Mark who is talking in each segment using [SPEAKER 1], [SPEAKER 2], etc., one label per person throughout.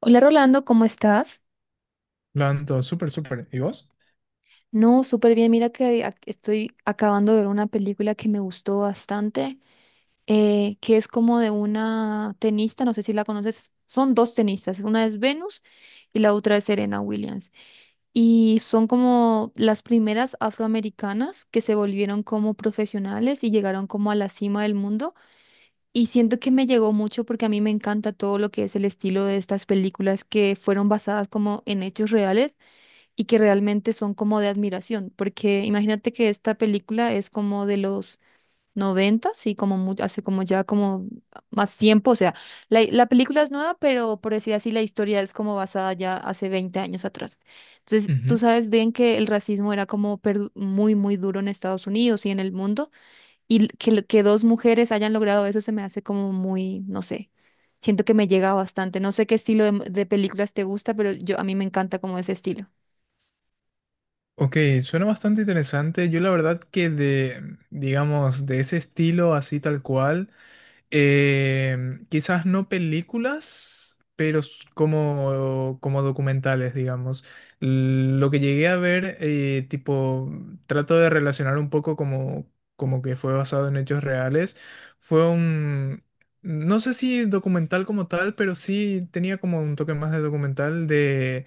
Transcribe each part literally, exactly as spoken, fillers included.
[SPEAKER 1] Hola Rolando, ¿cómo estás?
[SPEAKER 2] Lo ando, súper, súper. ¿Y vos?
[SPEAKER 1] No, súper bien. Mira que ac- estoy acabando de ver una película que me gustó bastante, eh, que es como de una tenista, no sé si la conoces. Son dos tenistas, una es Venus y la otra es Serena Williams. Y son como las primeras afroamericanas que se volvieron como profesionales y llegaron como a la cima del mundo. Y siento que me llegó mucho porque a mí me encanta todo lo que es el estilo de estas películas que fueron basadas como en hechos reales y que realmente son como de admiración, porque imagínate que esta película es como de los noventa, y como mu- hace como ya como más tiempo, o sea, la, la película es nueva, pero por decir así, la historia es como basada ya hace veinte años atrás. Entonces, tú
[SPEAKER 2] Ujú.
[SPEAKER 1] sabes bien que el racismo era como perdu- muy, muy duro en Estados Unidos y en el mundo, y l- que, l- que dos mujeres hayan logrado eso se me hace como muy, no sé. Siento que me llega bastante. No sé qué estilo de, de películas te gusta, pero yo a mí me encanta como ese estilo.
[SPEAKER 2] Ok, suena bastante interesante. Yo la verdad que de, digamos, de ese estilo así tal cual, eh, quizás no películas, pero s- como, como documentales, digamos. L- Lo que llegué a ver, eh, tipo, trato de relacionar un poco como, como que fue basado en hechos reales, fue un... No sé si documental como tal, pero sí tenía como un toque más de documental de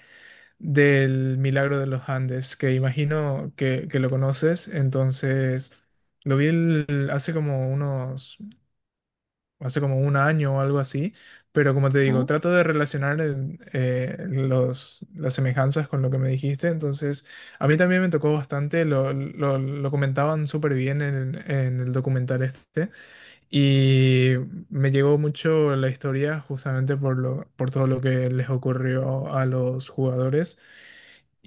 [SPEAKER 2] del Milagro de los Andes, que imagino que, que lo conoces. Entonces, lo vi el- hace como unos, hace como un año o algo así, pero como te digo, trato de relacionar el- eh, los, las semejanzas con lo que me dijiste. Entonces, a mí también me tocó bastante, lo, lo, lo comentaban súper bien en, en el documental este. Y me llegó mucho la historia justamente por lo, por todo lo que les ocurrió a los jugadores.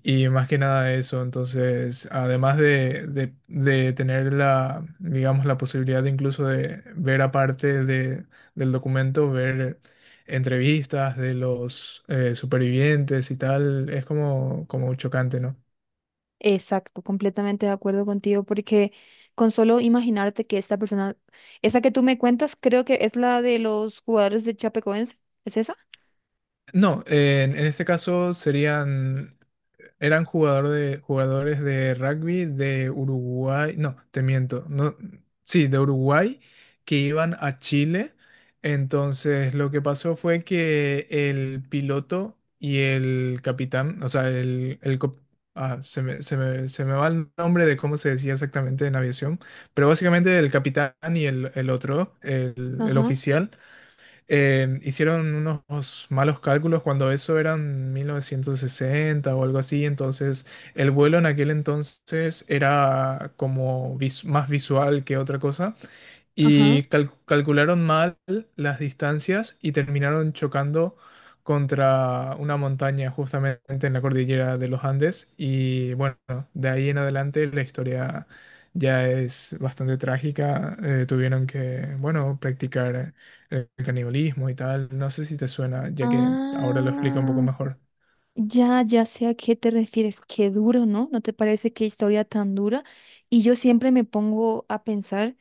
[SPEAKER 2] Y más que nada eso, entonces, además de, de, de tener la, digamos, la posibilidad de incluso de ver aparte de, del documento, ver entrevistas de los eh, supervivientes y tal, es como, como chocante, ¿no?
[SPEAKER 1] Exacto, completamente de acuerdo contigo, porque con solo imaginarte que esta persona, esa que tú me cuentas, creo que es la de los jugadores de Chapecoense, ¿es esa?
[SPEAKER 2] No, en, en este caso serían eran jugador de, jugadores de rugby de Uruguay, no, te miento, no, sí, de Uruguay que iban a Chile. Entonces, lo que pasó fue que el piloto y el capitán, o sea, el, el co- ah, se me, se me- se me va el nombre de cómo se decía exactamente en aviación, pero básicamente el capitán y el, el otro, el el
[SPEAKER 1] Ajá,
[SPEAKER 2] oficial eh, hicieron unos malos cálculos cuando eso eran mil novecientos sesenta o algo así, entonces el vuelo en aquel entonces era como vis- más visual que otra cosa
[SPEAKER 1] ajá.
[SPEAKER 2] y cal- calcularon mal las distancias y terminaron chocando contra una montaña justamente en la cordillera de los Andes y bueno, de ahí en adelante la historia ya es bastante trágica. Eh, tuvieron que, bueno, practicar el canibalismo y tal. No sé si te suena, ya que ahora lo explico un poco
[SPEAKER 1] Ah,
[SPEAKER 2] mejor.
[SPEAKER 1] ya, ya sé a qué te refieres. Qué duro, ¿no? ¿No te parece qué historia tan dura? Y yo siempre me pongo a pensar.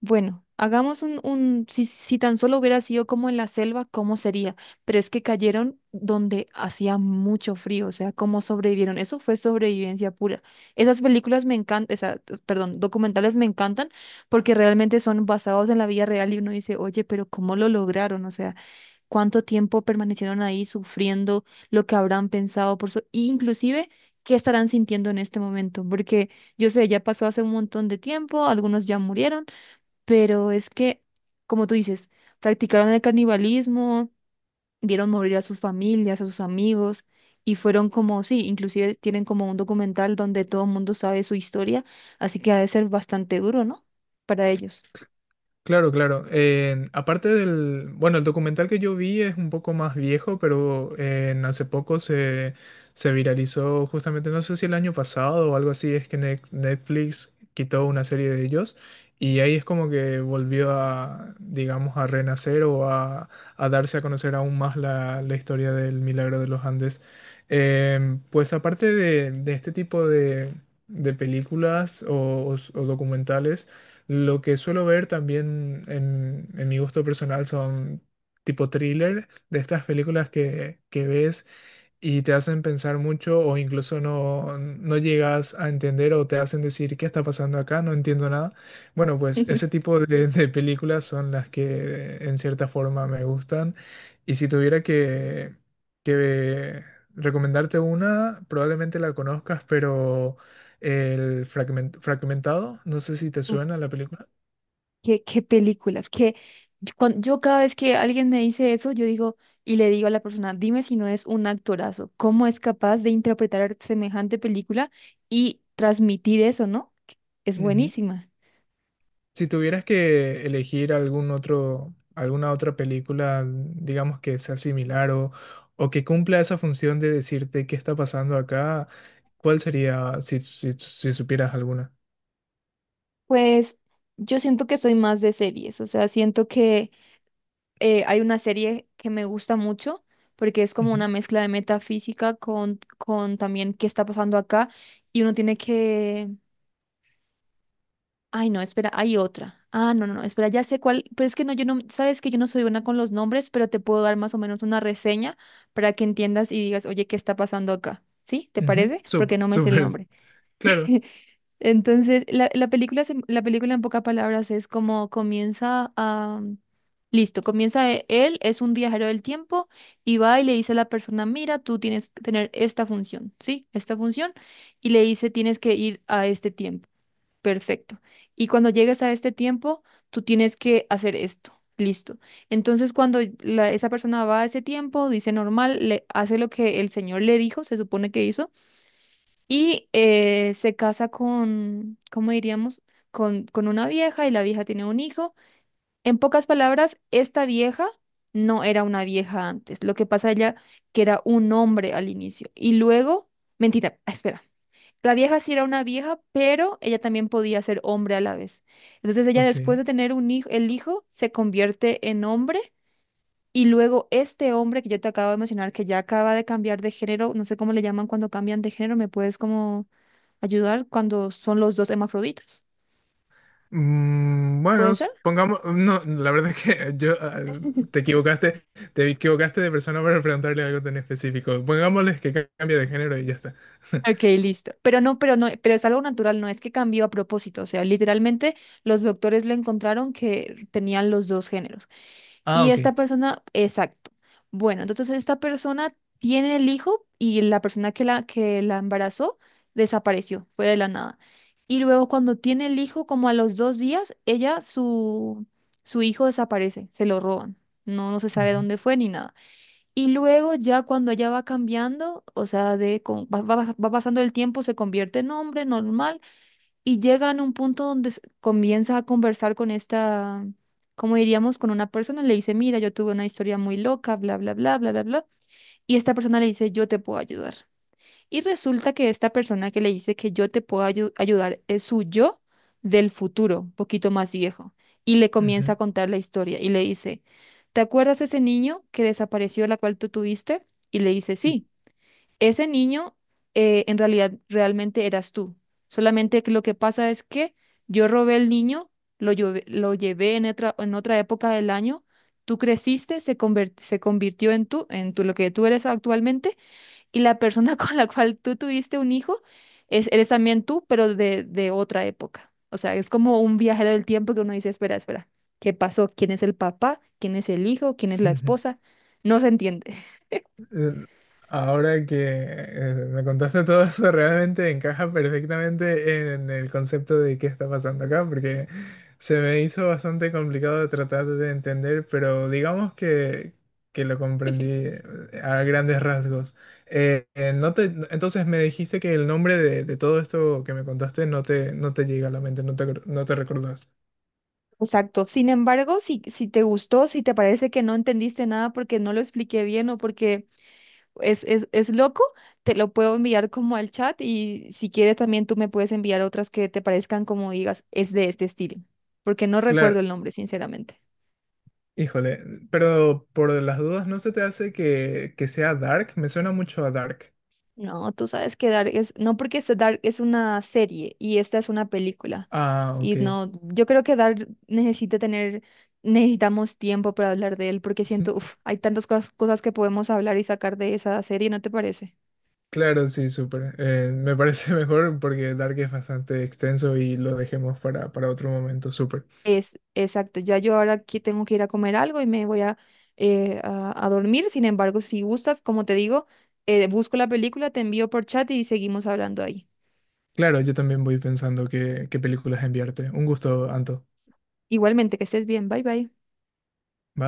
[SPEAKER 1] Bueno, hagamos un, un si, si tan solo hubiera sido como en la selva, ¿cómo sería? Pero es que cayeron donde hacía mucho frío, o sea, ¿cómo sobrevivieron? Eso fue sobrevivencia pura. Esas películas me encantan, esa, perdón, documentales me encantan porque realmente son basados en la vida real y uno dice, oye, pero ¿cómo lo lograron? O sea, ¿cuánto tiempo permanecieron ahí sufriendo lo que habrán pensado por su, inclusive, ¿qué estarán sintiendo en este momento? Porque yo sé, ya pasó hace un montón de tiempo, algunos ya murieron, pero es que, como tú dices, practicaron el canibalismo, vieron morir a sus familias, a sus amigos, y fueron como, sí, inclusive tienen como un documental donde todo el mundo sabe su historia, así que ha de ser bastante duro, ¿no? Para ellos.
[SPEAKER 2] Claro, claro. Eh, aparte del, bueno, el documental que yo vi es un poco más viejo, pero eh, hace poco se, se viralizó justamente, no sé si el año pasado o algo así, es que Net- Netflix quitó una serie de ellos y ahí es como que volvió a, digamos, a renacer o a, a darse a conocer aún más la, la historia del Milagro de los Andes. Em, pues aparte de, de este tipo de, de películas o o- o documentales, lo que suelo ver también en, en mi gusto personal son tipo thriller, de estas películas que, que ves y te hacen pensar mucho o incluso no, no llegas a entender o te hacen decir, ¿qué está pasando acá? No entiendo nada. Bueno, pues ese tipo de, de películas son las que en cierta forma me gustan. Y si tuviera que, que recomendarte una, probablemente la conozcas, pero... El fragment- fragmentado, no sé si te
[SPEAKER 1] Uf,
[SPEAKER 2] suena la película.
[SPEAKER 1] qué, qué película, que cuando yo cada vez que alguien me dice eso, yo digo y le digo a la persona, dime si no es un actorazo, ¿cómo es capaz de interpretar semejante película y transmitir eso, ¿no? Es
[SPEAKER 2] Ujú.
[SPEAKER 1] buenísima.
[SPEAKER 2] Si tuvieras que elegir algún otro, alguna otra película, digamos que sea similar o, o que cumpla esa función de decirte qué está pasando acá, ¿cuál sería si, si, si supieras alguna?
[SPEAKER 1] Pues yo siento que soy más de series, o sea, siento que eh, hay una serie que me gusta mucho porque es como
[SPEAKER 2] Ujú.
[SPEAKER 1] una mezcla de metafísica con, con también qué está pasando acá y uno tiene que... Ay, no, espera, hay otra. Ah, no, no, no, espera, ya sé cuál, pero es que no, yo no, sabes que yo no soy buena con los nombres, pero te puedo dar más o menos una reseña para que entiendas y digas, oye, ¿qué está pasando acá? ¿Sí? ¿Te
[SPEAKER 2] Ujú.
[SPEAKER 1] parece? Porque
[SPEAKER 2] Súper,
[SPEAKER 1] no me sé el
[SPEAKER 2] súper,
[SPEAKER 1] nombre.
[SPEAKER 2] claro.
[SPEAKER 1] Entonces, la, la película, se- la película en pocas palabras es como comienza a... Listo, comienza e- él, es un viajero del tiempo y va y le dice a la persona, mira, tú tienes que tener esta función, ¿sí? Esta función. Y le dice, tienes que ir a este tiempo. Perfecto. Y cuando llegues a este tiempo, tú tienes que hacer esto. Listo. Entonces, cuando la- esa persona va a ese tiempo, dice normal, le hace lo que el señor le dijo, se supone que hizo. Y eh, se casa con, ¿cómo diríamos? Con, con una vieja y la vieja tiene un hijo. En pocas palabras, esta vieja no era una vieja antes. Lo que pasa ella que era un hombre al inicio. Y luego, mentira, ah, espera. La vieja sí era una vieja, pero ella también podía ser hombre a la vez. Entonces ella
[SPEAKER 2] Ok.
[SPEAKER 1] después de tener un hijo, el hijo se convierte en hombre y luego este hombre que yo te acabo de mencionar, que ya acaba de cambiar de género, no sé cómo le llaman cuando cambian de género, ¿me puedes como ayudar cuando son los dos hermafroditas?
[SPEAKER 2] Mm, bueno,
[SPEAKER 1] ¿Puede ser?
[SPEAKER 2] s- pongamos, no, la verdad es que yo ah, te equivocaste, te equivocaste de persona para preguntarle algo tan específico. Pongámosles que ca- cambie de género y ya está.
[SPEAKER 1] Ok, listo. Pero no, pero no, pero es algo natural, no es que cambió a propósito. O sea, literalmente los doctores le encontraron que tenían los dos géneros.
[SPEAKER 2] Ah,
[SPEAKER 1] Y
[SPEAKER 2] ok.
[SPEAKER 1] esta persona, exacto. Bueno, entonces esta persona tiene el hijo y la persona que la, que la embarazó desapareció, fue de la nada. Y luego cuando tiene el hijo, como a los dos días, ella, su, su hijo desaparece, se lo roban. No, no se sabe
[SPEAKER 2] Ujú,
[SPEAKER 1] dónde fue ni nada. Y luego ya cuando ella va cambiando, o sea, de, con- va, va- va pasando el tiempo, se convierte en hombre normal y llega a un punto donde s- comienza a conversar con esta, como diríamos, con una persona, le dice, mira, yo tuve una historia muy loca, bla, bla, bla, bla, bla, bla, y esta persona le dice, yo te puedo ayudar. Y resulta que esta persona que le dice que yo te puedo ayu- ayudar es su yo del futuro, un poquito más viejo, y le comienza a
[SPEAKER 2] ujú,
[SPEAKER 1] contar la historia y le dice, ¿te acuerdas ese niño que desapareció, la cual tú tuviste? Y le dice, sí. Ese niño eh, en realidad realmente eras tú. Solamente que lo que pasa es que yo robé el niño, lo, llevé- lo llevé en otra, en otra época del año, tú creciste, se, conver- se convirtió en tú, en tú, lo que tú eres actualmente, y la persona con la cual tú tuviste un hijo es, eres también tú, pero de, de otra época. O sea, es como un viajero del tiempo que uno dice, espera, espera, ¿qué pasó? ¿Quién es el papá? ¿Quién es el hijo? ¿Quién es la
[SPEAKER 2] ujú.
[SPEAKER 1] esposa? No se entiende.
[SPEAKER 2] Eh, Ahora que eh, me contaste todo eso, realmente encaja perfectamente en el concepto de qué está pasando acá, porque se me hizo bastante complicado de tratar de entender, pero digamos que, que lo comprendí eh, a grandes rasgos. Eh, eh, no te, entonces me dijiste que el nombre de, de todo esto que me contaste no te, no te llega a la mente, no te, acor- no te recordás.
[SPEAKER 1] Exacto. Sin embargo, si, si te gustó, si te parece que no entendiste nada porque no lo expliqué bien o porque es, es, es loco, te lo puedo enviar como al chat y si quieres también tú me puedes enviar otras que te parezcan como digas, es de este estilo, porque no
[SPEAKER 2] Claro,
[SPEAKER 1] recuerdo el nombre, sinceramente.
[SPEAKER 2] híjole, pero por las dudas, ¿no se te hace que, que sea Dark? Me suena mucho a Dark.
[SPEAKER 1] No, tú sabes que Dark es, no porque es Dark es una serie y esta es una película.
[SPEAKER 2] Ah,
[SPEAKER 1] Y
[SPEAKER 2] ok.
[SPEAKER 1] no, yo creo que Dark necesita tener, necesitamos tiempo para hablar de él porque siento, uf, hay tantas cos- cosas que podemos hablar y sacar de esa serie, ¿no te parece?
[SPEAKER 2] Claro, sí, súper. Eh, me parece mejor porque Dark es bastante extenso y lo dejemos para, para otro momento, súper.
[SPEAKER 1] Es, exacto, ya yo ahora que tengo que ir a comer algo y me voy a, eh, a, a dormir. Sin embargo, si gustas, como te digo, eh, busco la película, te envío por chat y seguimos hablando ahí.
[SPEAKER 2] Claro, yo también voy pensando qué, qué películas enviarte. Un gusto, Anto.
[SPEAKER 1] Igualmente, que estés bien, bye bye.
[SPEAKER 2] Bye.